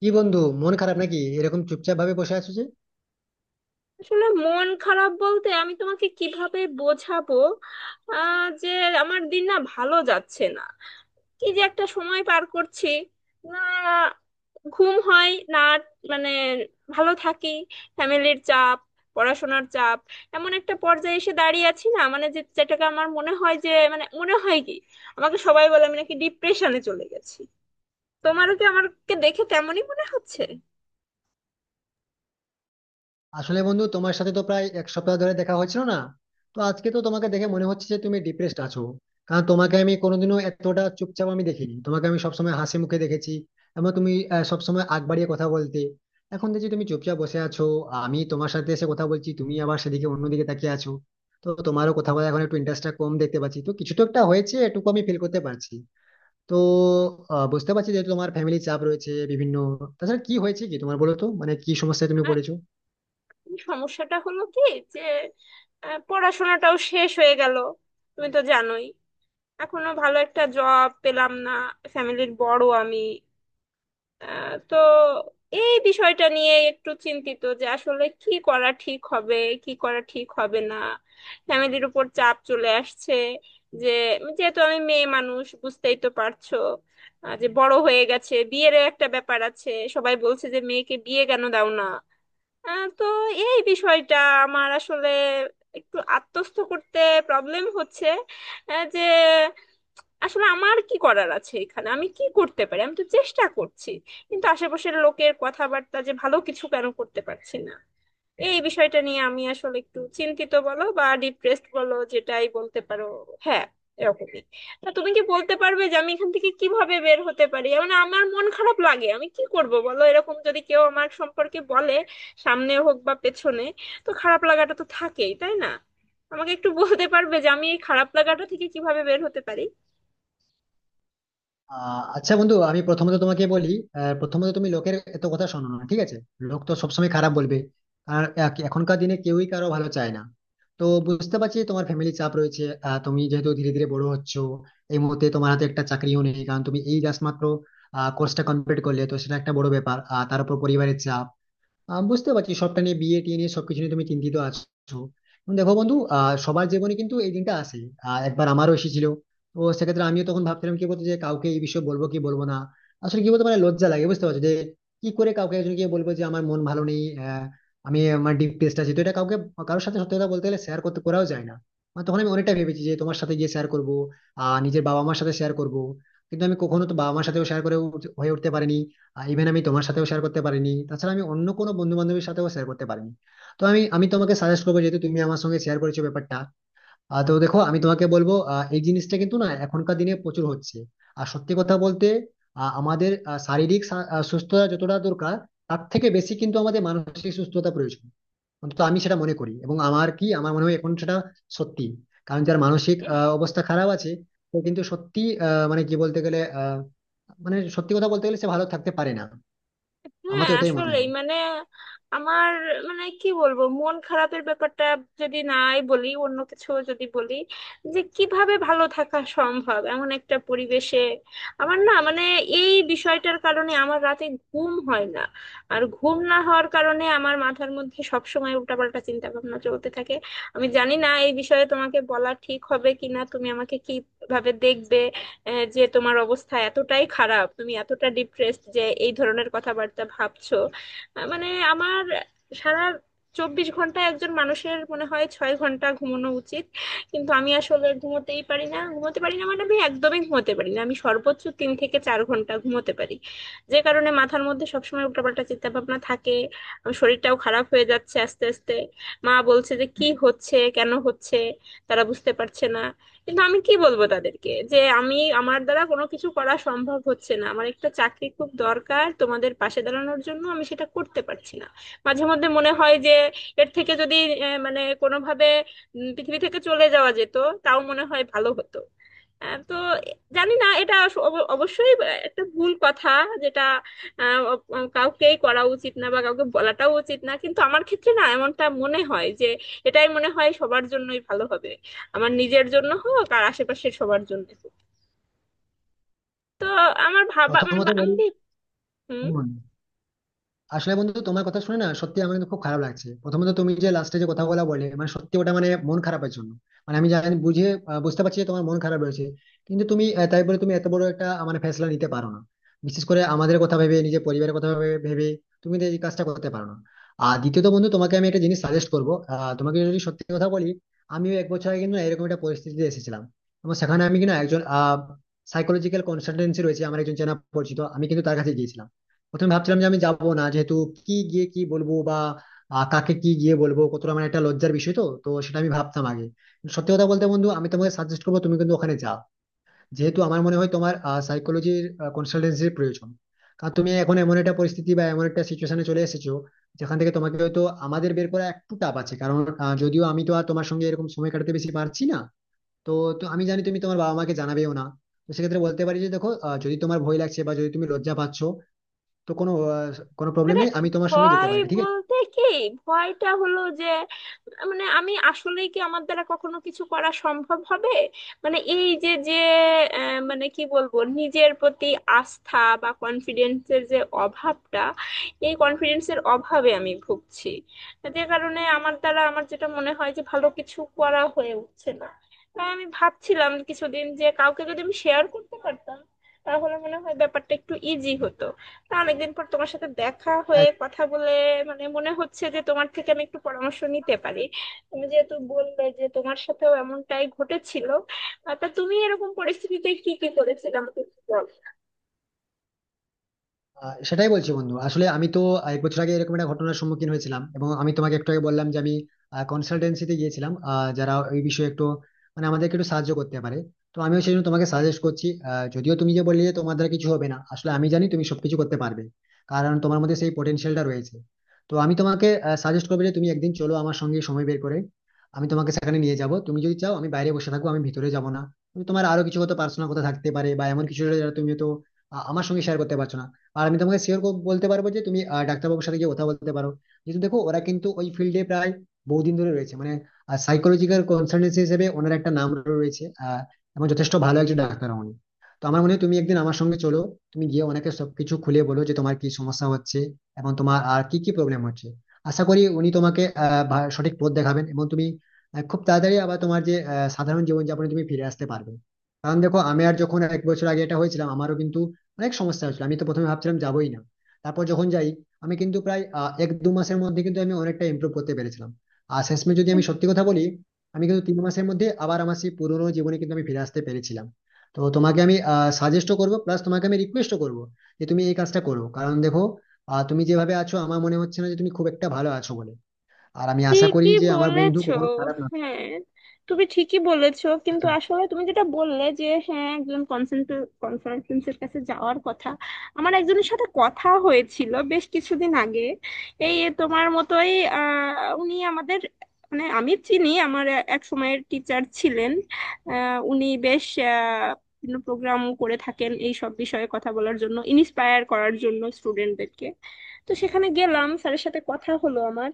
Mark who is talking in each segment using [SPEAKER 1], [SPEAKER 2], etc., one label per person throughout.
[SPEAKER 1] কি বন্ধু, মন খারাপ নাকি? এরকম চুপচাপ ভাবে বসে আছো যে।
[SPEAKER 2] আসলে মন খারাপ বলতে আমি তোমাকে কিভাবে বোঝাবো যে আমার দিন না ভালো যাচ্ছে না। কি যে একটা সময় পার করছি। না, ঘুম হয় না। মানে ভালো থাকি। ফ্যামিলির চাপ, পড়াশোনার চাপ। এমন একটা পর্যায়ে এসে দাঁড়িয়ে আছি না মানে যে যেটাকে আমার মনে হয় যে মানে মনে হয় কি, আমাকে সবাই বলে আমি নাকি ডিপ্রেশনে চলে গেছি। তোমারও কি আমাকে দেখে তেমনই মনে হচ্ছে?
[SPEAKER 1] আসলে বন্ধু, তোমার সাথে তো প্রায় এক সপ্তাহ ধরে দেখা হচ্ছিল না। তো আজকে তো তোমাকে দেখে মনে হচ্ছে যে তুমি ডিপ্রেসড আছো। কারণ তোমাকে আমি কোনোদিনও এতটা চুপচাপ আমি দেখিনি, তোমাকে আমি সবসময় হাসি মুখে দেখেছি। এবং তুমি সবসময় আগ বাড়িয়ে কথা বলতে, এখন দেখছি তুমি চুপচাপ বসে আছো। আমি তোমার সাথে এসে কথা বলছি, তুমি আবার সেদিকে অন্যদিকে তাকিয়ে আছো। তো তোমারও কথা বলা এখন একটু ইন্টারেস্টটা কম দেখতে পাচ্ছি, তো কিছু তো একটা হয়েছে এটুকু আমি ফিল করতে পারছি। তো বুঝতে পারছি যে তোমার ফ্যামিলি চাপ রয়েছে বিভিন্ন। তাছাড়া কি হয়েছে কি তোমার, বলো তো, মানে কি সমস্যায় তুমি পড়েছো?
[SPEAKER 2] সমস্যাটা হলো কি, যে পড়াশোনাটাও শেষ হয়ে গেল। তুমি তো জানোই এখনো ভালো একটা জব পেলাম না। ফ্যামিলির বড় আমি। তো এই বিষয়টা নিয়ে একটু চিন্তিত, যে আসলে কি করা ঠিক হবে কি করা ঠিক হবে না। ফ্যামিলির উপর চাপ চলে আসছে যে যেহেতু আমি মেয়ে মানুষ বুঝতেই তো পারছো, যে বড় হয়ে গেছে, বিয়ের একটা ব্যাপার আছে। সবাই বলছে যে মেয়েকে বিয়ে কেন দাও না। তো এই বিষয়টা আমার আসলে একটু আত্মস্থ করতে প্রবলেম হচ্ছে। যে আসলে আমার কি করার আছে এখানে, আমি কি করতে পারি, আমি তো চেষ্টা করছি। কিন্তু আশেপাশের লোকের কথাবার্তা, যে ভালো কিছু কেন করতে পারছি না। এই বিষয়টা নিয়ে আমি আসলে একটু চিন্তিত বলো বা ডিপ্রেসড বলো, যেটাই বলতে পারো। হ্যাঁ, এরকমই। তা তুমি কি বলতে পারবে যে আমি এখান থেকে কিভাবে বের হতে পারি? মানে আমার মন খারাপ লাগে, আমি কি করব বলো, এরকম যদি কেউ আমার সম্পর্কে বলে সামনে হোক বা পেছনে, তো খারাপ লাগাটা তো থাকেই তাই না? আমাকে একটু বলতে পারবে যে আমি এই খারাপ লাগাটা থেকে কিভাবে বের হতে পারি?
[SPEAKER 1] আচ্ছা বন্ধু, আমি প্রথমত তোমাকে বলি, প্রথমত তুমি লোকের এত কথা শোনো না, ঠিক আছে। লোক তো সবসময় খারাপ বলবে। আর এখনকার দিনে কেউই কারো ভালো চায় না। তো বুঝতে পারছি তোমার ফ্যামিলি চাপ রয়েছে। তুমি যেহেতু ধীরে ধীরে বড় হচ্ছ, এই মুহূর্তে তোমার হাতে একটা চাকরিও নেই, কারণ তুমি এই জাস্ট মাত্র কোর্সটা কমপ্লিট করলে, তো সেটা একটা বড় ব্যাপার, আর তার উপর পরিবারের চাপ। বুঝতে পারছি সবটা নিয়ে, বিয়ে টিয়ে নিয়ে সবকিছু নিয়ে তুমি চিন্তিত আছো। এখন দেখো বন্ধু, সবার জীবনে কিন্তু এই দিনটা আসে। একবার আমারও এসেছিল। তো সেক্ষেত্রে আমিও তখন ভাবছিলাম, কি বলতো, যে কাউকে এই বিষয়ে বলবো কি বলবো না। আসলে কি বলতো, মানে লজ্জা লাগে, বুঝতে পারছো যে কি করে কাউকে একজনকে বলবো যে আমার মন ভালো নেই। আমি আমার ডিপ টেস্ট আছে, তো এটা কাউকে, কারোর সাথে সত্যি কথা বলতে গেলে শেয়ার করতে করাও যায় না। আর তখন আমি অনেকটা ভেবেছি যে তোমার সাথে গিয়ে শেয়ার করবো, নিজের বাবা মার সাথে শেয়ার করবো। কিন্তু আমি কখনো তো বাবা মার সাথেও শেয়ার করে হয়ে উঠতে পারিনি। ইভেন আমি তোমার সাথেও শেয়ার করতে পারিনি, তাছাড়া আমি অন্য কোনো বন্ধু বান্ধবের সাথেও শেয়ার করতে পারিনি। তো আমি আমি তোমাকে সাজেস্ট করবো, যেহেতু তুমি আমার সঙ্গে শেয়ার করেছো ব্যাপারটা। তো দেখো আমি তোমাকে বলবো, এই জিনিসটা কিন্তু না এখনকার দিনে প্রচুর হচ্ছে। আর সত্যি কথা বলতে, আমাদের শারীরিক সুস্থতা যতটা দরকার, তার থেকে বেশি কিন্তু আমাদের মানসিক সুস্থতা প্রয়োজন। অন্তত আমি সেটা মনে করি, এবং আমার কি আমার মনে হয় এখন সেটা সত্যি। কারণ যার মানসিক অবস্থা খারাপ আছে, সে কিন্তু সত্যি, আহ, মানে কি বলতে গেলে আহ, মানে সত্যি কথা বলতে গেলে সে ভালো থাকতে পারে না। আমার
[SPEAKER 2] হ্যাঁ
[SPEAKER 1] তো এটাই মনে
[SPEAKER 2] আসলেই
[SPEAKER 1] হয়।
[SPEAKER 2] মানে আমার, মানে কি বলবো মন খারাপের ব্যাপারটা যদি নাই বলি, অন্য কিছু যদি বলি যে কিভাবে ভালো থাকা সম্ভব এমন একটা পরিবেশে। আমার না মানে এই বিষয়টার কারণে আমার রাতে ঘুম হয় না। আর ঘুম না হওয়ার কারণে আমার মাথার মধ্যে সবসময় উল্টাপাল্টা চিন্তা ভাবনা চলতে থাকে। আমি জানি না এই বিষয়ে তোমাকে বলা ঠিক হবে কিনা, তুমি আমাকে কিভাবে দেখবে যে তোমার অবস্থা এতটাই খারাপ তুমি এতটা ডিপ্রেসড যে এই ধরনের কথাবার্তা ভাবছো। মানে আমার সারা 24 ঘন্টা একজন মানুষের মনে হয় 6 ঘন্টা ঘুমানো উচিত। কিন্তু আমি আসলে ঘুমোতেই পারি না, ঘুমোতে পারি না মানে আমি একদমই ঘুমোতে পারি না, আমি সর্বোচ্চ 3 থেকে 4 ঘন্টা ঘুমোতে পারি। যে কারণে মাথার মধ্যে সবসময় উল্টাপাল্টা চিন্তা ভাবনা থাকে। আমার শরীরটাও খারাপ হয়ে যাচ্ছে আস্তে আস্তে। মা বলছে যে কি হচ্ছে কেন হচ্ছে, তারা বুঝতে পারছে না। কিন্তু আমি কি বলবো তাদেরকে যে আমি আমার দ্বারা কোনো কিছু করা সম্ভব হচ্ছে না, আমার একটা চাকরি খুব দরকার তোমাদের পাশে দাঁড়ানোর জন্য, আমি সেটা করতে পারছি না। মাঝে মধ্যে মনে হয় যে এর থেকে যদি মানে কোনোভাবে পৃথিবী থেকে চলে যাওয়া যেত তাও মনে হয় ভালো হতো। তো জানি না এটা অবশ্যই একটা ভুল কথা। যেটা কাউকেই করা উচিত না বা কাউকে বলাটাও উচিত না, কিন্তু আমার ক্ষেত্রে না এমনটা মনে হয় যে এটাই মনে হয় সবার জন্যই ভালো হবে। আমার নিজের জন্য হোক আর আশেপাশের সবার জন্য হোক। তো আমার ভাবা মানে
[SPEAKER 1] প্রথমত
[SPEAKER 2] আমি
[SPEAKER 1] বলি,
[SPEAKER 2] হুম।
[SPEAKER 1] আমি মনে হয়। আসলে বন্ধু, তোমার কথা শুনে না সত্যি আমার কিন্তু খুব খারাপ লাগছে। প্রথমত তুমি যে লাস্টে যে কথাগুলো বলে, মানে সত্যি ওটা, মানে মন খারাপের জন্য মানে আমি জানি, বুঝতে পারছি যে তোমার মন খারাপ রয়েছে। কিন্তু তুমি, তাই বলে তুমি এত বড় একটা মানে ফেসলা নিতে পারো না। বিশেষ করে আমাদের কথা ভেবে, নিজের পরিবারের কথা ভেবে ভেবে তুমি তো এই কাজটা করতে পারো না। আর দ্বিতীয়ত বন্ধু, তোমাকে আমি একটা জিনিস সাজেস্ট করবো, তোমাকে যদি সত্যি কথা বলি, আমিও এক বছর আগে কিন্তু না এরকম একটা পরিস্থিতিতে এসেছিলাম। এবং সেখানে আমি কিনা একজন সাইকোলজিক্যাল কনসালটেন্সি রয়েছে আমার একজন চেনা পরিচিত, আমি কিন্তু তার কাছে গিয়েছিলাম। প্রথমে ভাবছিলাম যে আমি যাবো না, যেহেতু কি গিয়ে কি বলবো, বা কাকে কি গিয়ে বলবো, কতটা মানে একটা লজ্জার বিষয় তো তো সেটা আমি ভাবতাম আগে। কিন্তু সত্যি কথা বলতে বন্ধু, আমি তোমাকে সাজেস্ট করবো তুমি কিন্তু ওখানে যাও। যেহেতু আমার মনে হয় তোমার সাইকোলজির কনসালটেন্সির প্রয়োজন। কারণ তুমি এখন এমন একটা পরিস্থিতি বা এমন একটা সিচুয়েশনে চলে এসেছো, যেখান থেকে তোমাকে হয়তো আমাদের বের করা একটু টাফ আছে। কারণ যদিও আমি তো আর তোমার সঙ্গে এরকম সময় কাটাতে বেশি পারছি না। তো তো আমি জানি তুমি তোমার বাবা মাকে জানাবেও না। তো সেক্ষেত্রে বলতে পারি যে দেখো, যদি তোমার ভয় লাগছে বা যদি তুমি লজ্জা পাচ্ছ, তো কোনো প্রবলেম
[SPEAKER 2] মানে
[SPEAKER 1] নেই, আমি তোমার সঙ্গে যেতে
[SPEAKER 2] ভয়
[SPEAKER 1] পারি ঠিক
[SPEAKER 2] বলতে কি, ভয়টা হলো যে মানে আমি আসলেই কি আমার দ্বারা কখনো কিছু করা সম্ভব হবে। মানে এই যে যে মানে কি বলবো নিজের প্রতি আস্থা বা কনফিডেন্সের যে অভাবটা, এই কনফিডেন্সের অভাবে আমি ভুগছি, যে কারণে আমার দ্বারা আমার যেটা মনে হয় যে ভালো কিছু করা হয়ে উঠছে না। তাই আমি ভাবছিলাম কিছুদিন যে কাউকে যদি আমি শেয়ার করতে পারতাম তাহলে মনে হয় ব্যাপারটা একটু ইজি হতো। তা অনেকদিন পর তোমার সাথে দেখা হয়ে
[SPEAKER 1] আছে।
[SPEAKER 2] কথা বলে মানে মনে হচ্ছে যে তোমার থেকে আমি একটু পরামর্শ নিতে পারি। তুমি যেহেতু বললে যে তোমার সাথেও এমনটাই ঘটেছিল, তা তুমি এরকম পরিস্থিতিতে কি কি করেছিলে আমাকে একটু বলো।
[SPEAKER 1] সেটাই বলছি বন্ধু, আসলে আমি তো এক বছর আগে এরকম একটা ঘটনার সম্মুখীন হয়েছিলাম, এবং আমি তোমাকে একটু আগে বললাম যে আমি কনসালটেন্সিতে গিয়েছিলাম, যারা এই বিষয়ে একটু মানে আমাদেরকে একটু সাহায্য করতে পারে। তো আমিও সেই জন্য তোমাকে সাজেস্ট করছি। যদিও তুমি যে বললে যে তোমার দ্বারা কিছু হবে না, আসলে আমি জানি তুমি সবকিছু করতে পারবে, কারণ তোমার মধ্যে সেই পোটেনশিয়ালটা রয়েছে। তো আমি তোমাকে সাজেস্ট করবো যে তুমি একদিন চলো আমার সঙ্গে সময় বের করে। আমি তোমাকে সেখানে নিয়ে যাব, তুমি যদি চাও আমি বাইরে বসে থাকবো, আমি ভিতরে যাব না। তুমি তোমার আরো কিছু হয়তো পার্সোনাল কথা থাকতে পারে বা এমন কিছু যেটা তুমি তো আমার সঙ্গে শেয়ার করতে পারছো না। আর আমি তোমাকে শিওর বলতে পারবো যে তুমি ডাক্তারবাবুর সাথে গিয়ে কথা বলতে পারো। কিন্তু দেখো ওরা কিন্তু ওই ফিল্ডে প্রায় বহুদিন ধরে রয়েছে, মানে সাইকোলজিক্যাল কনসালটেন্সি হিসেবে ওনার একটা নাম রয়েছে, এবং যথেষ্ট ভালো একজন ডাক্তার উনি। তো আমার মনে হয় তুমি একদিন আমার সঙ্গে চলো, তুমি গিয়ে ওনাকে সবকিছু খুলে বলো যে তোমার কি সমস্যা হচ্ছে এবং তোমার আর কি কি প্রবলেম হচ্ছে। আশা করি উনি তোমাকে সঠিক পথ দেখাবেন, এবং তুমি খুব তাড়াতাড়ি আবার তোমার যে সাধারণ জীবনযাপনে তুমি ফিরে আসতে পারবে। কারণ দেখো, আমি আর যখন এক বছর আগে এটা হয়েছিলাম, আমারও কিন্তু অনেক সমস্যা হয়েছিল, আমি তো প্রথমে ভাবছিলাম যাবোই না। তারপর যখন যাই, আমি কিন্তু প্রায় এক দু মাসের মধ্যে কিন্তু আমি অনেকটা ইমপ্রুভ করতে পেরেছিলাম। আর শেষমেশ যদি আমি সত্যি কথা বলি, আমি কিন্তু তিন মাসের মধ্যে আবার আমার সেই পুরোনো জীবনে কিন্তু আমি ফিরে আসতে পেরেছিলাম। তো তোমাকে আমি সাজেস্টও করবো প্লাস তোমাকে আমি রিকোয়েস্টও করবো যে তুমি এই কাজটা করো। কারণ দেখো, তুমি যেভাবে আছো আমার মনে হচ্ছে না যে তুমি খুব একটা ভালো আছো বলে। আর আমি আশা করি
[SPEAKER 2] ঠিকই
[SPEAKER 1] যে আমার বন্ধু
[SPEAKER 2] বলেছো।
[SPEAKER 1] কখনো খারাপ
[SPEAKER 2] হ্যাঁ, তুমি ঠিকই বলেছো কিন্তু
[SPEAKER 1] না।
[SPEAKER 2] আসলে তুমি যেটা বললে যে হ্যাঁ, একজন কনসালটেন্সের কাছে যাওয়ার কথা। আমার একজনের সাথে কথা হয়েছিল বেশ কিছুদিন আগে এই তোমার মতোই। উনি আমাদের, মানে আমি চিনি, আমার এক সময়ের টিচার ছিলেন। উনি বেশ প্রোগ্রাম করে থাকেন এই সব বিষয়ে কথা বলার জন্য, ইন্সপায়ার করার জন্য স্টুডেন্টদেরকে। তো সেখানে গেলাম, স্যারের সাথে কথা হলো আমার।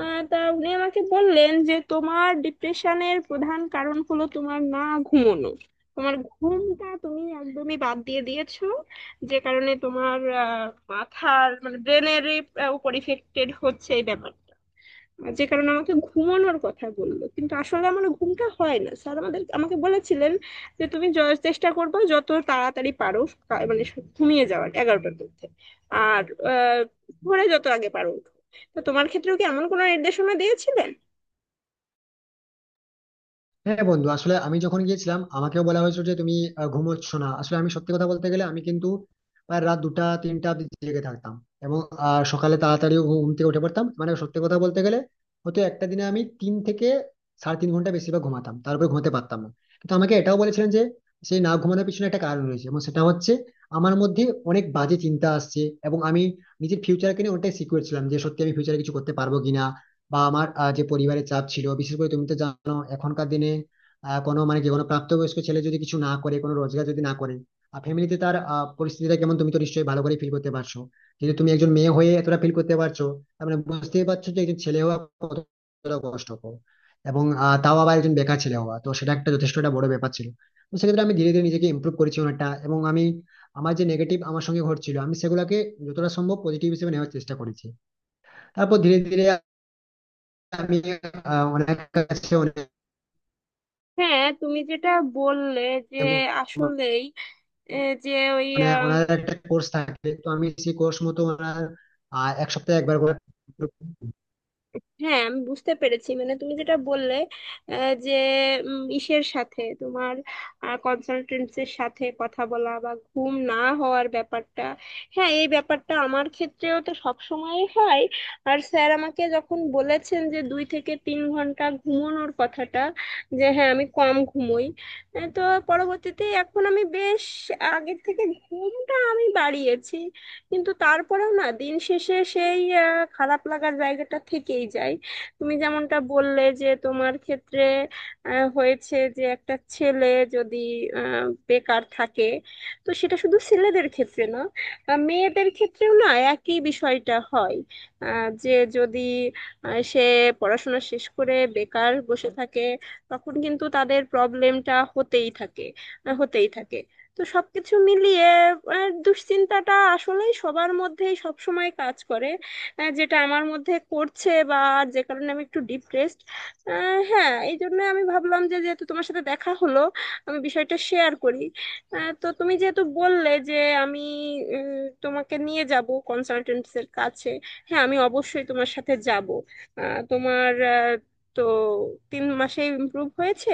[SPEAKER 2] তা উনি আমাকে বললেন যে তোমার ডিপ্রেশনের প্রধান কারণ হলো তোমার না ঘুমোনো। তোমার ঘুমটা তুমি একদমই বাদ দিয়ে দিয়েছো, যে কারণে তোমার মাথার মানে ব্রেনের উপর ইফেক্টেড হচ্ছে এই ব্যাপার। যে কারণে আমাকে ঘুমানোর কথা বললো, কিন্তু আসলে আমার ঘুমটা হয় না। স্যার আমাদের আমাকে বলেছিলেন যে তুমি চেষ্টা করবে যত তাড়াতাড়ি পারো মানে ঘুমিয়ে যাওয়ার 11টার মধ্যে। আর আহ, ভোরে যত আগে পারো উঠো। তো তোমার ক্ষেত্রেও কি এমন কোনো নির্দেশনা দিয়েছিলেন?
[SPEAKER 1] হ্যাঁ বন্ধু, আসলে আমি যখন গিয়েছিলাম, আমাকেও বলা হয়েছিল যে তুমি ঘুমোচ্ছ না। আসলে আমি সত্যি কথা বলতে গেলে আমি কিন্তু প্রায় রাত দুটা তিনটা অব্দি জেগে থাকতাম। এবং সকালে তাড়াতাড়ি ঘুম থেকে উঠে পড়তাম। মানে সত্যি কথা বলতে গেলে, হয়তো একটা দিনে আমি তিন থেকে সাড়ে তিন ঘন্টা বেশিরভাগ ঘুমাতাম, তারপরে ঘুমাতে পারতাম না। কিন্তু আমাকে এটাও বলেছিলেন যে সেই না ঘুমানোর পিছনে একটা কারণ রয়েছে, এবং সেটা হচ্ছে আমার মধ্যে অনেক বাজে চিন্তা আসছে। এবং আমি নিজের ফিউচারকে নিয়ে অনেকটাই সিকিউর ছিলাম যে সত্যি আমি ফিউচারে কিছু করতে পারবো কিনা। বা আমার যে পরিবারের চাপ ছিল, বিশেষ করে তুমি তো জানো এখনকার দিনে, কোনো মানে যে কোনো প্রাপ্তবয়স্ক ছেলে যদি কিছু না করে, কোনো রোজগার যদি না করে, ফ্যামিলিতে তার পরিস্থিতিটা কেমন তুমি তো নিশ্চয়ই ভালো করে ফিল করতে পারছো। কিন্তু তুমি একজন মেয়ে হয়ে এতটা ফিল করতে পারছো, তার মানে বুঝতেই পারছো যে একজন ছেলে হওয়া কতটা কষ্টকর। এবং তাও আবার একজন বেকার ছেলে হওয়া, তো সেটা একটা যথেষ্ট একটা বড় ব্যাপার ছিল। তো সেক্ষেত্রে আমি ধীরে ধীরে নিজেকে ইমপ্রুভ করেছি অনেকটা। এবং আমি আমার যে নেগেটিভ আমার সঙ্গে ঘটছিল আমি সেগুলোকে যতটা সম্ভব পজিটিভ হিসেবে নেওয়ার চেষ্টা করেছি। তারপর ধীরে ধীরে আমি ওনার কাছে অনেক
[SPEAKER 2] হ্যাঁ, তুমি যেটা বললে যে আসলেই এ, যে ওই,
[SPEAKER 1] মানে ওনার একটা কোর্স থাকে, তো আমি সেই কোর্স মতো ওনার এক সপ্তাহে একবার করে
[SPEAKER 2] হ্যাঁ আমি বুঝতে পেরেছি মানে তুমি যেটা বললে যে ইসের সাথে তোমার কনসালটেন্সের সাথে কথা বলা বা ঘুম না হওয়ার ব্যাপারটা। হ্যাঁ এই ব্যাপারটা আমার ক্ষেত্রেও তো সব সময় হয়। আর স্যার আমাকে যখন বলেছেন যে 2 থেকে 3 ঘন্টা ঘুমানোর কথাটা, যে হ্যাঁ আমি কম ঘুমোই। তো পরবর্তীতে এখন আমি বেশ আগের থেকে ঘুমটা আমি বাড়িয়েছি। কিন্তু তারপরেও না দিন শেষে সেই খারাপ লাগার জায়গাটা থেকেই যায়। তুমি যেমনটা বললে যে তোমার ক্ষেত্রে হয়েছে যে একটা ছেলে যদি বেকার থাকে, তো সেটা শুধু ছেলেদের ক্ষেত্রে না, মেয়েদের ক্ষেত্রেও না, একই বিষয়টা হয়। যে যদি সে পড়াশোনা শেষ করে বেকার বসে থাকে তখন কিন্তু তাদের প্রবলেমটা হতেই থাকে, হতেই থাকে। তো সবকিছু মিলিয়ে দুশ্চিন্তাটা আসলেই সবার মধ্যেই সব সময় কাজ করে, যেটা আমার মধ্যে করছে, বা যে কারণে আমি একটু ডিপ্রেসড। হ্যাঁ, এই জন্য আমি ভাবলাম যে যেহেতু তোমার সাথে দেখা হলো আমি বিষয়টা শেয়ার করি। তো তুমি যেহেতু বললে যে আমি তোমাকে নিয়ে যাব কনসালটেন্টস এর কাছে, হ্যাঁ আমি অবশ্যই তোমার সাথে যাব। আহ, তোমার আহ, তো 3 মাসে ইমপ্রুভ হয়েছে,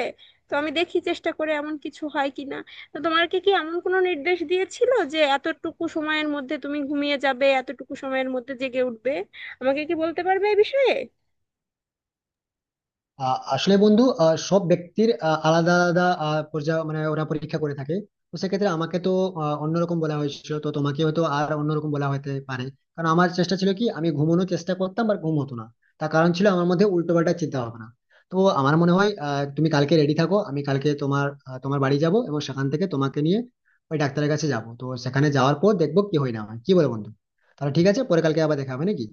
[SPEAKER 2] তো আমি দেখি চেষ্টা করে এমন কিছু হয় কিনা। তো তোমাকে কি এমন কোনো নির্দেশ দিয়েছিল যে এতটুকু সময়ের মধ্যে তুমি ঘুমিয়ে যাবে, এতটুকু সময়ের মধ্যে জেগে উঠবে? আমাকে কি বলতে পারবে এই বিষয়ে?
[SPEAKER 1] আহ, আসলে বন্ধু, সব ব্যক্তির আলাদা আলাদা পর্যায়ে মানে ওরা পরীক্ষা করে থাকে। তো সেক্ষেত্রে আমাকে তো অন্যরকম বলা হয়েছিল, তো তোমাকে হয়তো আর অন্যরকম বলা হতে পারে। কারণ আমার চেষ্টা ছিল কি আমি ঘুমানোর চেষ্টা করতাম বাট ঘুম হতো না। তার কারণ ছিল আমার মধ্যে উল্টোপাল্টা চিন্তা ভাবনা। তো আমার মনে হয় তুমি কালকে রেডি থাকো, আমি কালকে তোমার বাড়ি যাব এবং সেখান থেকে তোমাকে নিয়ে ওই ডাক্তারের কাছে যাব। তো সেখানে যাওয়ার পর দেখবো কি হয় না হয়, কি বলে বন্ধু। তাহলে ঠিক আছে, পরে কালকে আবার দেখা হবে নাকি?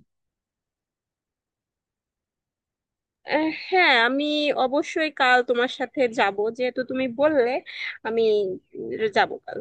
[SPEAKER 2] হ্যাঁ আমি অবশ্যই কাল তোমার সাথে যাব যেহেতু তুমি বললে, আমি যাব কাল।